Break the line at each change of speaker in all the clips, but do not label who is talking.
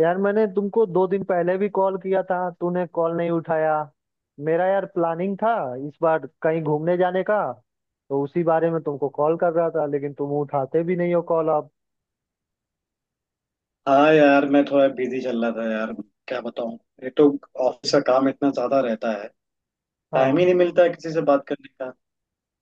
यार, मैंने तुमको 2 दिन पहले भी कॉल किया था। तूने कॉल नहीं उठाया। मेरा यार प्लानिंग था इस बार कहीं घूमने जाने का, तो उसी बारे में तुमको कॉल कर रहा था, लेकिन तुम उठाते भी नहीं हो कॉल अब।
हाँ यार मैं थोड़ा बिजी चल रहा था यार। क्या बताऊँ। ये तो ऑफिस का काम इतना ज्यादा रहता है। टाइम ही
हाँ।
नहीं मिलता है किसी से बात करने का।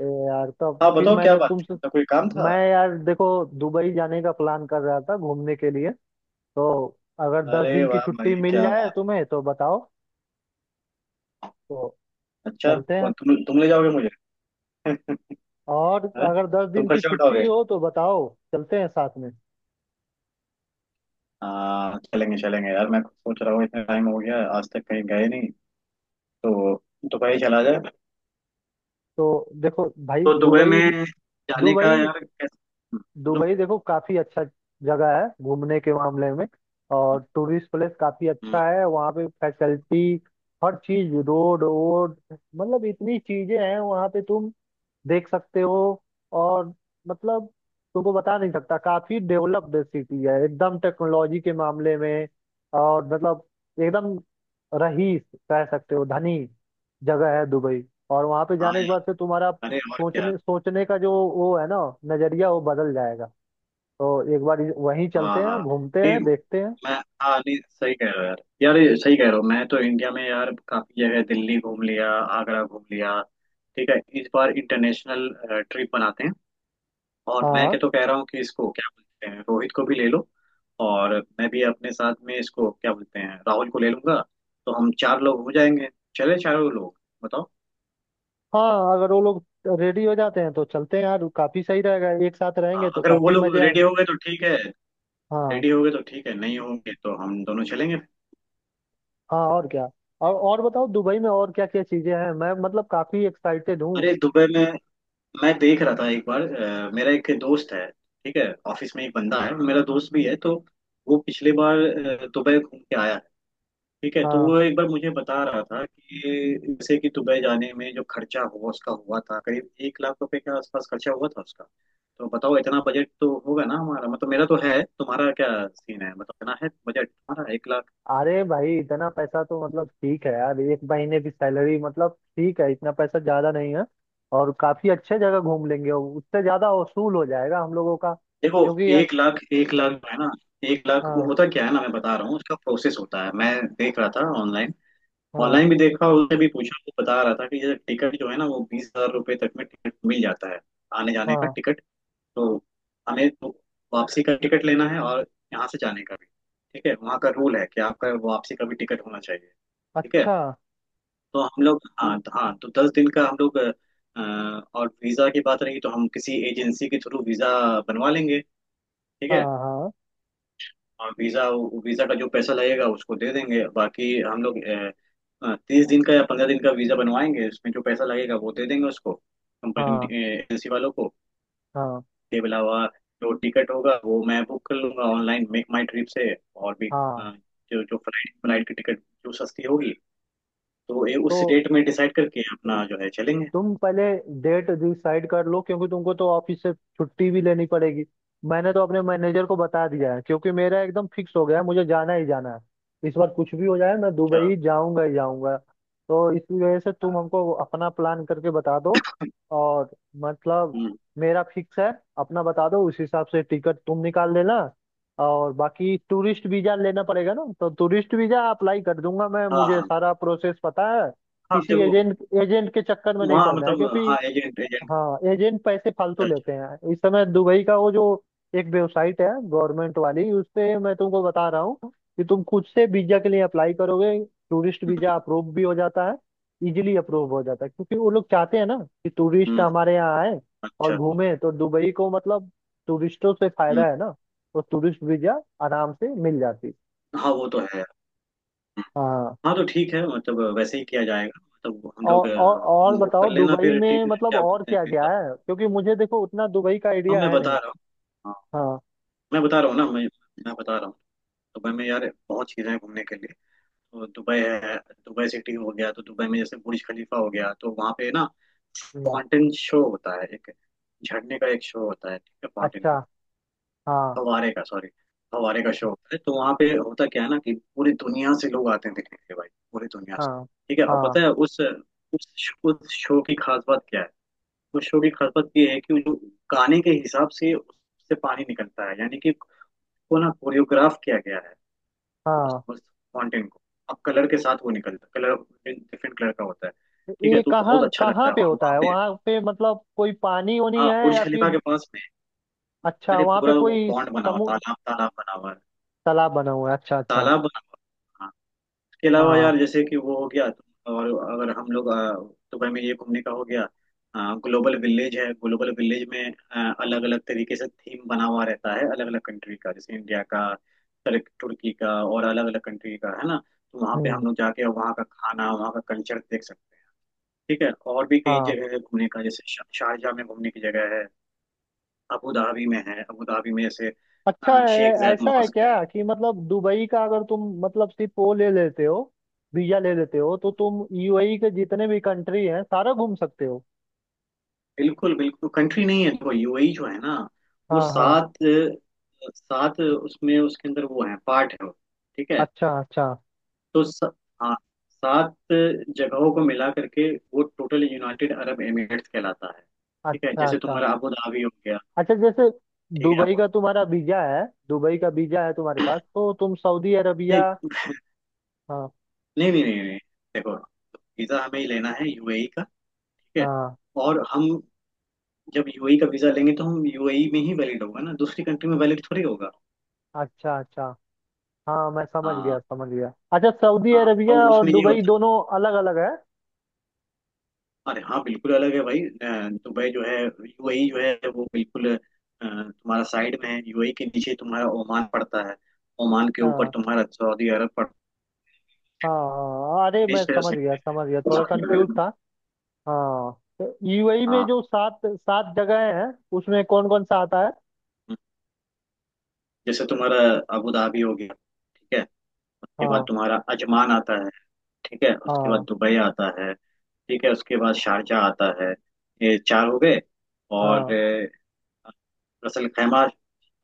ए यार, तब
हाँ
फिर
बताओ क्या बात थी, मतलब कोई काम था।
मैं यार देखो, दुबई जाने का प्लान कर रहा था घूमने के लिए। तो अगर दस
अरे
दिन की
वाह भाई,
छुट्टी मिल
क्या
जाए
बात
तुम्हें तो बताओ। तो
है, अच्छा।
चलते हैं,
कौन, तुम ले जाओगे मुझे?
और
हाँ?
अगर दस
तुम
दिन की
खर्चा
छुट्टी
उठाओगे?
हो तो बताओ, चलते हैं साथ में।
हाँ, चलेंगे चलेंगे यार, मैं सोच रहा हूँ इतना टाइम हो गया, आज तक कहीं गए नहीं, तो दुबई चला जाए।
तो देखो भाई,
तो दुबई
दुबई
में जाने का
दुबई
यार, कैसा मतलब।
दुबई, देखो, काफी अच्छा जगह है घूमने के मामले में, और टूरिस्ट प्लेस काफी
हम्म,
अच्छा है, वहाँ पे फैसिलिटी हर चीज, रोड वोड, मतलब इतनी चीजें हैं वहाँ पे तुम देख सकते हो। और मतलब, तुमको बता नहीं सकता, काफी डेवलप्ड सिटी है एकदम टेक्नोलॉजी के मामले में। और मतलब एकदम रईस कह सकते हो, धनी जगह है दुबई। और वहां पे
हाँ
जाने के बाद से
यार,
तुम्हारा
अरे और क्या।
सोचने सोचने का जो वो है ना, नजरिया वो बदल जाएगा। तो एक बार वहीं
हाँ
चलते हैं,
हाँ,
घूमते
नहीं,
हैं, देखते हैं।
मैं, हाँ नहीं, सही कह रहे हो यार, यार ये सही कह रहे हो, मैं तो इंडिया में यार काफी जगह दिल्ली घूम लिया, आगरा घूम लिया। ठीक है, इस बार इंटरनेशनल ट्रिप बनाते हैं। और मैं
हाँ,
क्या तो कह रहा हूँ कि इसको क्या बोलते हैं, रोहित को भी ले लो, और मैं भी अपने साथ में इसको क्या बोलते हैं, राहुल को ले लूंगा। तो हम चार लोग हो जाएंगे, चले चारों लोग, बताओ।
हाँ, अगर वो लोग रेडी हो जाते हैं तो चलते हैं यार, काफी सही रहेगा, एक साथ
हाँ,
रहेंगे तो
अगर वो
काफी
लोग
मजे
रेडी
आएंगे।
हो गए तो ठीक है,
हाँ,
रेडी हो गए तो ठीक है, नहीं होंगे तो हम दोनों चलेंगे।
हाँ, और क्या। बताओ दुबई में और क्या क्या चीजें हैं, मैं मतलब काफी एक्साइटेड हूँ।
अरे दुबई में मैं देख रहा था एक बार मेरा एक दोस्त है, ठीक है, ऑफिस में एक बंदा है और मेरा दोस्त भी है, तो वो पिछले बार दुबई घूम के आया है। ठीक है, तो
हाँ।
वो एक बार मुझे बता रहा था कि जैसे कि दुबई जाने में जो खर्चा हुआ उसका हुआ था, करीब 1 लाख रुपए के आसपास खर्चा हुआ था उसका। तो बताओ इतना बजट तो होगा ना हमारा, मतलब मेरा तो है, तुम्हारा क्या सीन है, बताओ इतना है बजट तुम्हारा 1 लाख।
अरे भाई, इतना पैसा तो मतलब ठीक है यार, 1 महीने की सैलरी, मतलब ठीक है, इतना पैसा ज्यादा नहीं है। और काफी अच्छे जगह घूम लेंगे, और उससे ज्यादा वसूल हो जाएगा हम लोगों का,
देखो,
क्योंकि यार।
1 लाख, 1 लाख जो है ना, 1 लाख वो
हाँ,
होता क्या है ना, मैं बता रहा हूँ उसका प्रोसेस होता है। मैं देख रहा था ऑनलाइन,
हाँ,
ऑनलाइन भी देखा, उसने भी पूछा तो बता रहा था कि जैसे टिकट जो है ना वो 20,000 रुपये तक में टिकट मिल जाता है, आने जाने का
हाँ,
टिकट। तो हमें तो वापसी का टिकट लेना है और यहाँ से जाने का भी, ठीक है, वहाँ का रूल है कि आपका वापसी का भी टिकट होना चाहिए। ठीक है,
अच्छा,
तो हम लोग हाँ तो 10 दिन का हम लोग और वीज़ा की बात रही तो हम किसी एजेंसी के थ्रू वीज़ा बनवा लेंगे। ठीक है,
हाँ, हाँ,
हाँ वीजा, वीजा का जो पैसा लगेगा उसको दे देंगे, बाकी हम लोग 30 दिन का या 15 दिन का वीजा बनवाएंगे, उसमें जो पैसा लगेगा वो दे देंगे उसको
हाँ,
कंपनी एजेंसी वालों को।
हाँ,
के अलावा जो टिकट होगा वो मैं बुक कर लूंगा ऑनलाइन मेक माई ट्रिप से, और भी अ,
हाँ,
जो जो फ्लाइट फ्लाइट की टिकट जो सस्ती होगी तो ये उस
तो
डेट में डिसाइड करके अपना जो है चलेंगे।
तुम पहले डेट डिसाइड कर लो, क्योंकि तुमको तो ऑफिस से छुट्टी भी लेनी पड़ेगी। मैंने तो अपने मैनेजर को बता दिया है, क्योंकि मेरा एकदम फिक्स हो गया है, मुझे जाना ही जाना है इस बार, कुछ भी हो जाए मैं
अच्छा,
दुबई जाऊंगा ही जाऊंगा। तो इस वजह से तुम हमको अपना प्लान करके बता दो, और मतलब,
हम्म,
मेरा फिक्स है, अपना बता दो, उस हिसाब से टिकट तुम निकाल लेना। और बाकी टूरिस्ट वीजा लेना पड़ेगा ना, तो टूरिस्ट वीजा अप्लाई कर दूंगा मैं,
हाँ
मुझे
हाँ
सारा प्रोसेस पता है।
हाँ
किसी
देखो,
एजेंट एजेंट के चक्कर में नहीं
वहाँ
पड़ना है, क्योंकि
मतलब हाँ एजेंट एजेंट,
हाँ, एजेंट पैसे फालतू
अच्छा अच्छा।
लेते हैं। इस समय दुबई का वो जो एक वेबसाइट है गवर्नमेंट वाली, उस पे मैं तुमको बता रहा हूँ कि तुम खुद से वीजा के लिए अप्लाई करोगे, टूरिस्ट वीजा अप्रूव भी हो जाता है। इजीली अप्रूव हो जाता है, क्योंकि वो लोग चाहते हैं ना कि
हम्म,
टूरिस्ट
हम्म,
हमारे यहाँ आए और
अच्छा
घूमे तो दुबई को, मतलब टूरिस्टों से
हम्म,
फायदा है ना। तो टूरिस्ट वीजा आराम से मिल जाती है।
हाँ वो तो है।
हाँ,
हाँ तो ठीक है, मतलब वैसे ही किया जाएगा, मतलब हम
और
लोग
और और
तुम बुक कर
बताओ
लेना
दुबई
फिर
में, मतलब
क्या
और
बोलते हैं
क्या क्या
वीजा।
है, क्योंकि मुझे देखो उतना दुबई का
हाँ
आइडिया
मैं
है
बता
नहीं।
रहा हूँ, हाँ
हाँ,
मैं बता रहा हूँ ना, मैं बता रहा हूँ दुबई में यार बहुत चीज़ें हैं घूमने के लिए। तो दुबई है, दुबई सिटी हो गया, तो दुबई में जैसे बुर्ज खलीफा हो गया, तो वहाँ पे ना
हम्म,
फाउंटेन शो होता है, एक झरने का एक शो होता है, ठीक है, फाउंटेन
अच्छा,
का,
हाँ,
हवारे का सॉरी, हवारे का शो होता है, तो वहाँ पे होता क्या है ना कि पूरी दुनिया से लोग आते हैं देखने के लिए भाई, पूरी दुनिया से।
हाँ,
ठीक है, और
हाँ,
पता है उस उस शो की खास बात क्या है, उस शो की खास बात ये है कि वो जो गाने के हिसाब से उससे पानी निकलता है, यानी कि उसको ना कोरियोग्राफ किया गया है उस
हाँ,
उस फाउंटेन को। अब कलर के साथ वो निकलता है, कलर डिफरेंट कलर का होता है, ठीक है,
ये
तो
कहाँ
बहुत अच्छा लगता
कहाँ
है।
पे
और
होता
वहाँ
है
पे
वहाँ पे, मतलब कोई पानी वानी
हाँ
है
बुर्ज
या
खलीफा
फिर?
के पास में
अच्छा,
अरे
वहाँ पे
पूरा वो
कोई
पॉन्ड बना हुआ,
समु
तालाब तालाब बना हुआ है,
तालाब बना हुआ है, अच्छा, अच्छा।
तालाब बना हुआ है। इसके अलावा यार
हाँ,
जैसे कि वो हो गया, तो और अगर हम लोग दुबई में ये घूमने का हो गया, ग्लोबल विलेज है, ग्लोबल विलेज में अलग अलग तरीके से थीम बना हुआ रहता है, अलग अलग कंट्री का, जैसे इंडिया का, तुर्की का, और अलग अलग कंट्री का है ना, तो वहाँ पे
हम्म,
हम लोग जाके वहाँ का खाना, वहाँ का कल्चर देख सकते हैं। ठीक है और भी कई
हाँ,
जगह है घूमने का, जैसे शारजाह में घूमने की जगह है, अबू धाबी में है, अबू धाबी में जैसे
अच्छा,
शेख
ऐ-
जायद
ऐसा है
मॉस्क है।
क्या कि मतलब दुबई का अगर तुम मतलब सिर्फ वो ले लेते हो वीजा, ले लेते हो तो तुम यूएई के जितने भी कंट्री हैं सारा घूम सकते हो?
बिल्कुल बिल्कुल कंट्री नहीं है, देखो यूएई जो है ना वो
हाँ, हाँ,
सात, उसमें उसके अंदर वो है, पार्ट है वो, ठीक है,
अच्छा, अच्छा,
तो स, हाँ सात जगहों को मिला करके वो टोटल यूनाइटेड अरब एमिरेट्स कहलाता है। ठीक है
अच्छा,
जैसे
अच्छा,
तुम्हारा अबू धाबी हो गया,
अच्छा जैसे
ठीक है
दुबई
अबू,
का तुम्हारा वीजा है, दुबई का वीजा है तुम्हारे पास तो तुम सऊदी अरबिया।
नहीं
हाँ,
नहीं नहीं नहीं नहीं। देखो वीजा हमें ही लेना है यूएई का, ठीक है,
हाँ,
और हम जब यूएई का वीजा लेंगे तो हम यूएई में ही वैलिड होगा ना, दूसरी कंट्री में वैलिड थोड़ी होगा।
अच्छा, अच्छा, हाँ मैं समझ गया,
हाँ
समझ गया, अच्छा सऊदी
हाँ, और
अरबिया और
उसमें ये
दुबई
होता,
दोनों अलग अलग है।
अरे हाँ बिल्कुल अलग है भाई दुबई जो है, यूएई जो है वो बिल्कुल तुम्हारा साइड में है, यूएई के नीचे तुम्हारा ओमान पड़ता है, ओमान के ऊपर
हाँ,
तुम्हारा सऊदी अरब पड़ता
हाँ, हाँ, अरे
है,
मैं
देश है जो,
समझ गया, समझ गया, थोड़ा कंफ्यूज
सही-
था। हाँ, तो यूएई में
हाँ
जो सात सात जगह हैं उसमें कौन कौन सा आता है?
जैसे तुम्हारा अबू धाबी हो गया। ठीक है उसके बाद
हाँ,
तुम्हारा अजमान आता है, ठीक है उसके बाद
हाँ,
दुबई आता है, ठीक है उसके बाद शारजा आता है, ये चार हो गए। और
हाँ,
रसल खैमा,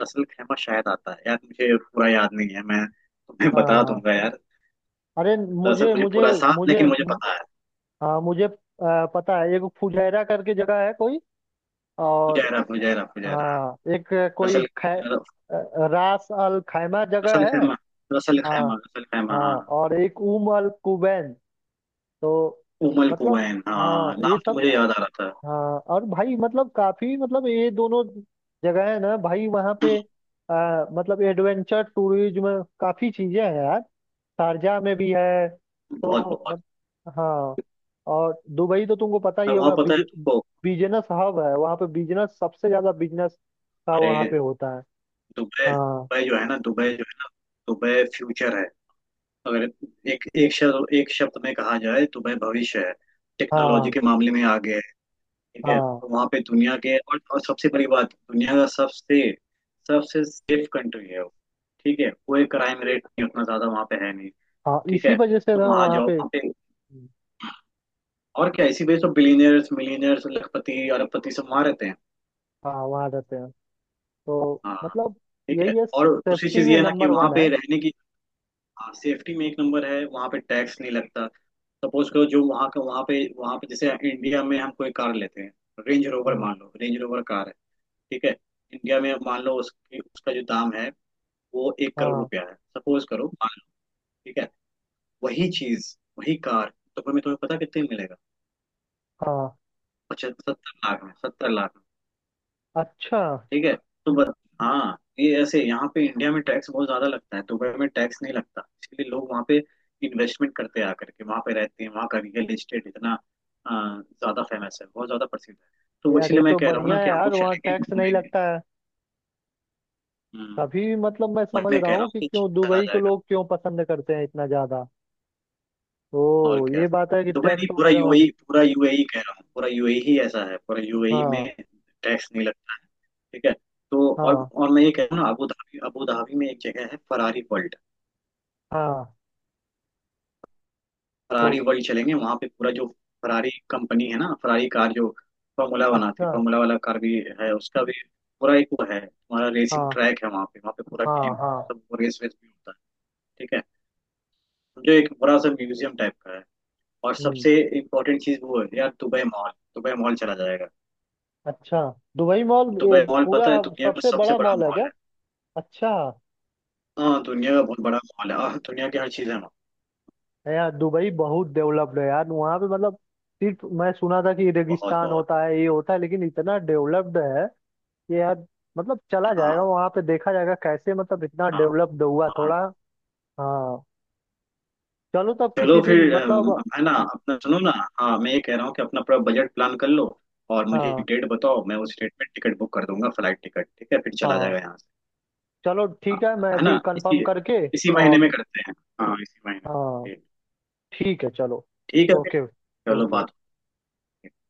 रसल खैमा शायद आता है यार, मुझे पूरा याद नहीं है, मैं तुम्हें
हाँ,
बता
हाँ।
दूंगा यार।
अरे
दरअसल
मुझे
मुझे
मुझे
पूरा साथ,
मुझे
लेकिन मुझे पता है।
हाँ, मुझे पता है, एक फुजैरा करके जगह है कोई, और
फुजैरा फुजैरा फुजैरा,
हाँ, एक कोई
रसल
रास अल खैमा
रसल
जगह है।
खैमा, रसल
हाँ,
खैमा रसल खैमा
हाँ,
हाँ,
और एक उम अल कुबैन। तो
उमल
मतलब,
कुवैन, हाँ
हाँ ये
नाम तो
सब,
मुझे याद आ रहा था।
हाँ और भाई मतलब काफी, मतलब ये दोनों जगह है ना भाई, वहाँ पे मतलब एडवेंचर टूरिज्म काफी चीजें हैं यार। शारजाह में भी है,
बहुत
तो
बहुत।
मत-। हाँ, और दुबई तो तुमको पता ही
और वहाँ
होगा,
पता है तुमको,
बिजनेस हब है वहाँ पे, बिजनेस सबसे ज्यादा, बिजनेस का
अरे
वहाँ पे होता है।
दुबई,
हाँ,
दुबई जो है ना, दुबई फ्यूचर है। अगर एक एक शब्द, एक शब्द में कहा जाए, दुबई भविष्य है। टेक्नोलॉजी
हाँ,
के मामले में आगे है। ठीक है
हाँ,
वहां पे दुनिया के और सबसे बड़ी बात, दुनिया का सबसे सबसे सेफ कंट्री है वो। ठीक है, कोई क्राइम रेट नहीं, उतना ज्यादा वहां पे है नहीं।
हाँ
ठीक
इसी
है
वजह से
तुम
ना
वहां
वहाँ
जाओ
पे,
वहां पे, और क्या, इसी वजह से बिलीनियर्स मिलीनियर्स, लखपति अरबपति सब वहां रहते हैं।
हाँ वहाँ रहते हैं, तो
हाँ
मतलब
ठीक है।
यही है,
और दूसरी
सेफ्टी
चीज
में
ये है ना कि
नंबर
वहां
वन है।
पे रहने की, सेफ्टी में एक नंबर है, वहां पे टैक्स नहीं लगता। सपोज करो जो वहां का वहां पे जैसे इंडिया में हम कोई कार लेते हैं रेंज रोवर,
हाँ,
मान लो रेंज रोवर कार है, ठीक है, इंडिया में मान लो उसकी, उसका जो दाम है वो एक करोड़
हाँ,
रुपया है, सपोज करो, मान लो, ठीक है, वही चीज, वही कार, तो तुम्हें तुम्हें पता कितने में मिलेगा,
हाँ,
75, 70 लाख में, 70 लाख में।
अच्छा
ठीक है, तो बस। हाँ ये ऐसे यहाँ पे इंडिया में टैक्स बहुत ज्यादा लगता है, दुबई में टैक्स नहीं लगता, इसलिए लोग वहाँ पे इन्वेस्टमेंट करते हैं, आकर के वहाँ पे रहते हैं, वहाँ का रियल एस्टेट इतना अ, ज्यादा फेमस है, बहुत ज्यादा प्रसिद्ध है। तो
यार, ये
इसीलिए मैं
तो
कह रहा हूँ
बढ़िया
ना
है
कि हम
यार,
लोग
वहाँ
चलेंगे
टैक्स नहीं
घूमेंगे।
लगता है।
हम्म।
तभी मतलब मैं
वही
समझ
मैं
रहा
कह रहा
हूँ
हूँ
कि
कि
क्यों
चला
दुबई को
जाएगा,
लोग क्यों पसंद करते हैं इतना ज्यादा। ओ
और क्या।
ये बात है कि
दुबई नहीं,
टैक्स
पूरा
वगैरह वहाँ-।
यूएई, पूरा यूएई कह रहा हूँ पूरा यूएई ही ऐसा है, पूरा यूएई में
हाँ,
टैक्स नहीं लगता है। ठीक है, तो और,
हाँ,
मैं ये कह रहा हूँ ना अबू धाबी, अबू धाबी में एक जगह है फरारी वर्ल्ड।
हाँ, तो,
फरारी वर्ल्ड चलेंगे, वहाँ पे पूरा जो फरारी कंपनी है ना, फरारी कार जो फॉर्मूला बनाती है,
अच्छा,
फॉर्मूला वाला कार भी है उसका भी, पूरा एक वो है हमारा रेसिंग
हाँ,
ट्रैक है वहाँ पे, वहाँ पे पूरा
हाँ,
गेम,
हाँ,
सब रेस वेस भी होता है, ठीक है, जो एक बड़ा सा म्यूजियम टाइप का है। और
हम्म,
सबसे इम्पोर्टेंट चीज़ वो है यार, दुबई मॉल, दुबई मॉल चला जाएगा।
अच्छा, दुबई मॉल
दुबई मॉल
पूरा
पता है दुनिया का
सबसे
सबसे
बड़ा
बड़ा
मॉल है
मॉल
क्या?
है।
अच्छा,
हाँ दुनिया का बहुत बड़ा मॉल है, हाँ दुनिया की हर चीज है वहाँ।
है यार, दुबई बहुत डेवलप्ड है यार, वहाँ पे मतलब सिर्फ मैं सुना था कि
बहुत
रेगिस्तान
बहुत,
होता है, ये होता है, लेकिन इतना डेवलप्ड है कि यार, मतलब चला जाएगा
हाँ
वहाँ पे, देखा जाएगा कैसे मतलब इतना
हाँ
डेवलप्ड हुआ
हाँ।
थोड़ा। हाँ, चलो तब
चलो
किसी दिन
फिर
मतलब,
है ना, अपना सुनो ना, हाँ मैं ये कह रहा हूँ कि अपना पूरा बजट प्लान कर लो, और मुझे एक
हाँ,
डेट बताओ, मैं उस डेट में टिकट बुक कर दूंगा फ्लाइट टिकट। ठीक है, फिर चला
हाँ,
जाएगा यहाँ से।
चलो ठीक है,
हाँ,
मैं
है ना,
अभी कंफर्म
इसी
करके,
इसी महीने में
और
करते हैं। हाँ इसी महीने में
हाँ
ठीक,
ठीक है चलो,
ठीक है फिर।
ओके,
चलो बात
ओके।
होती है।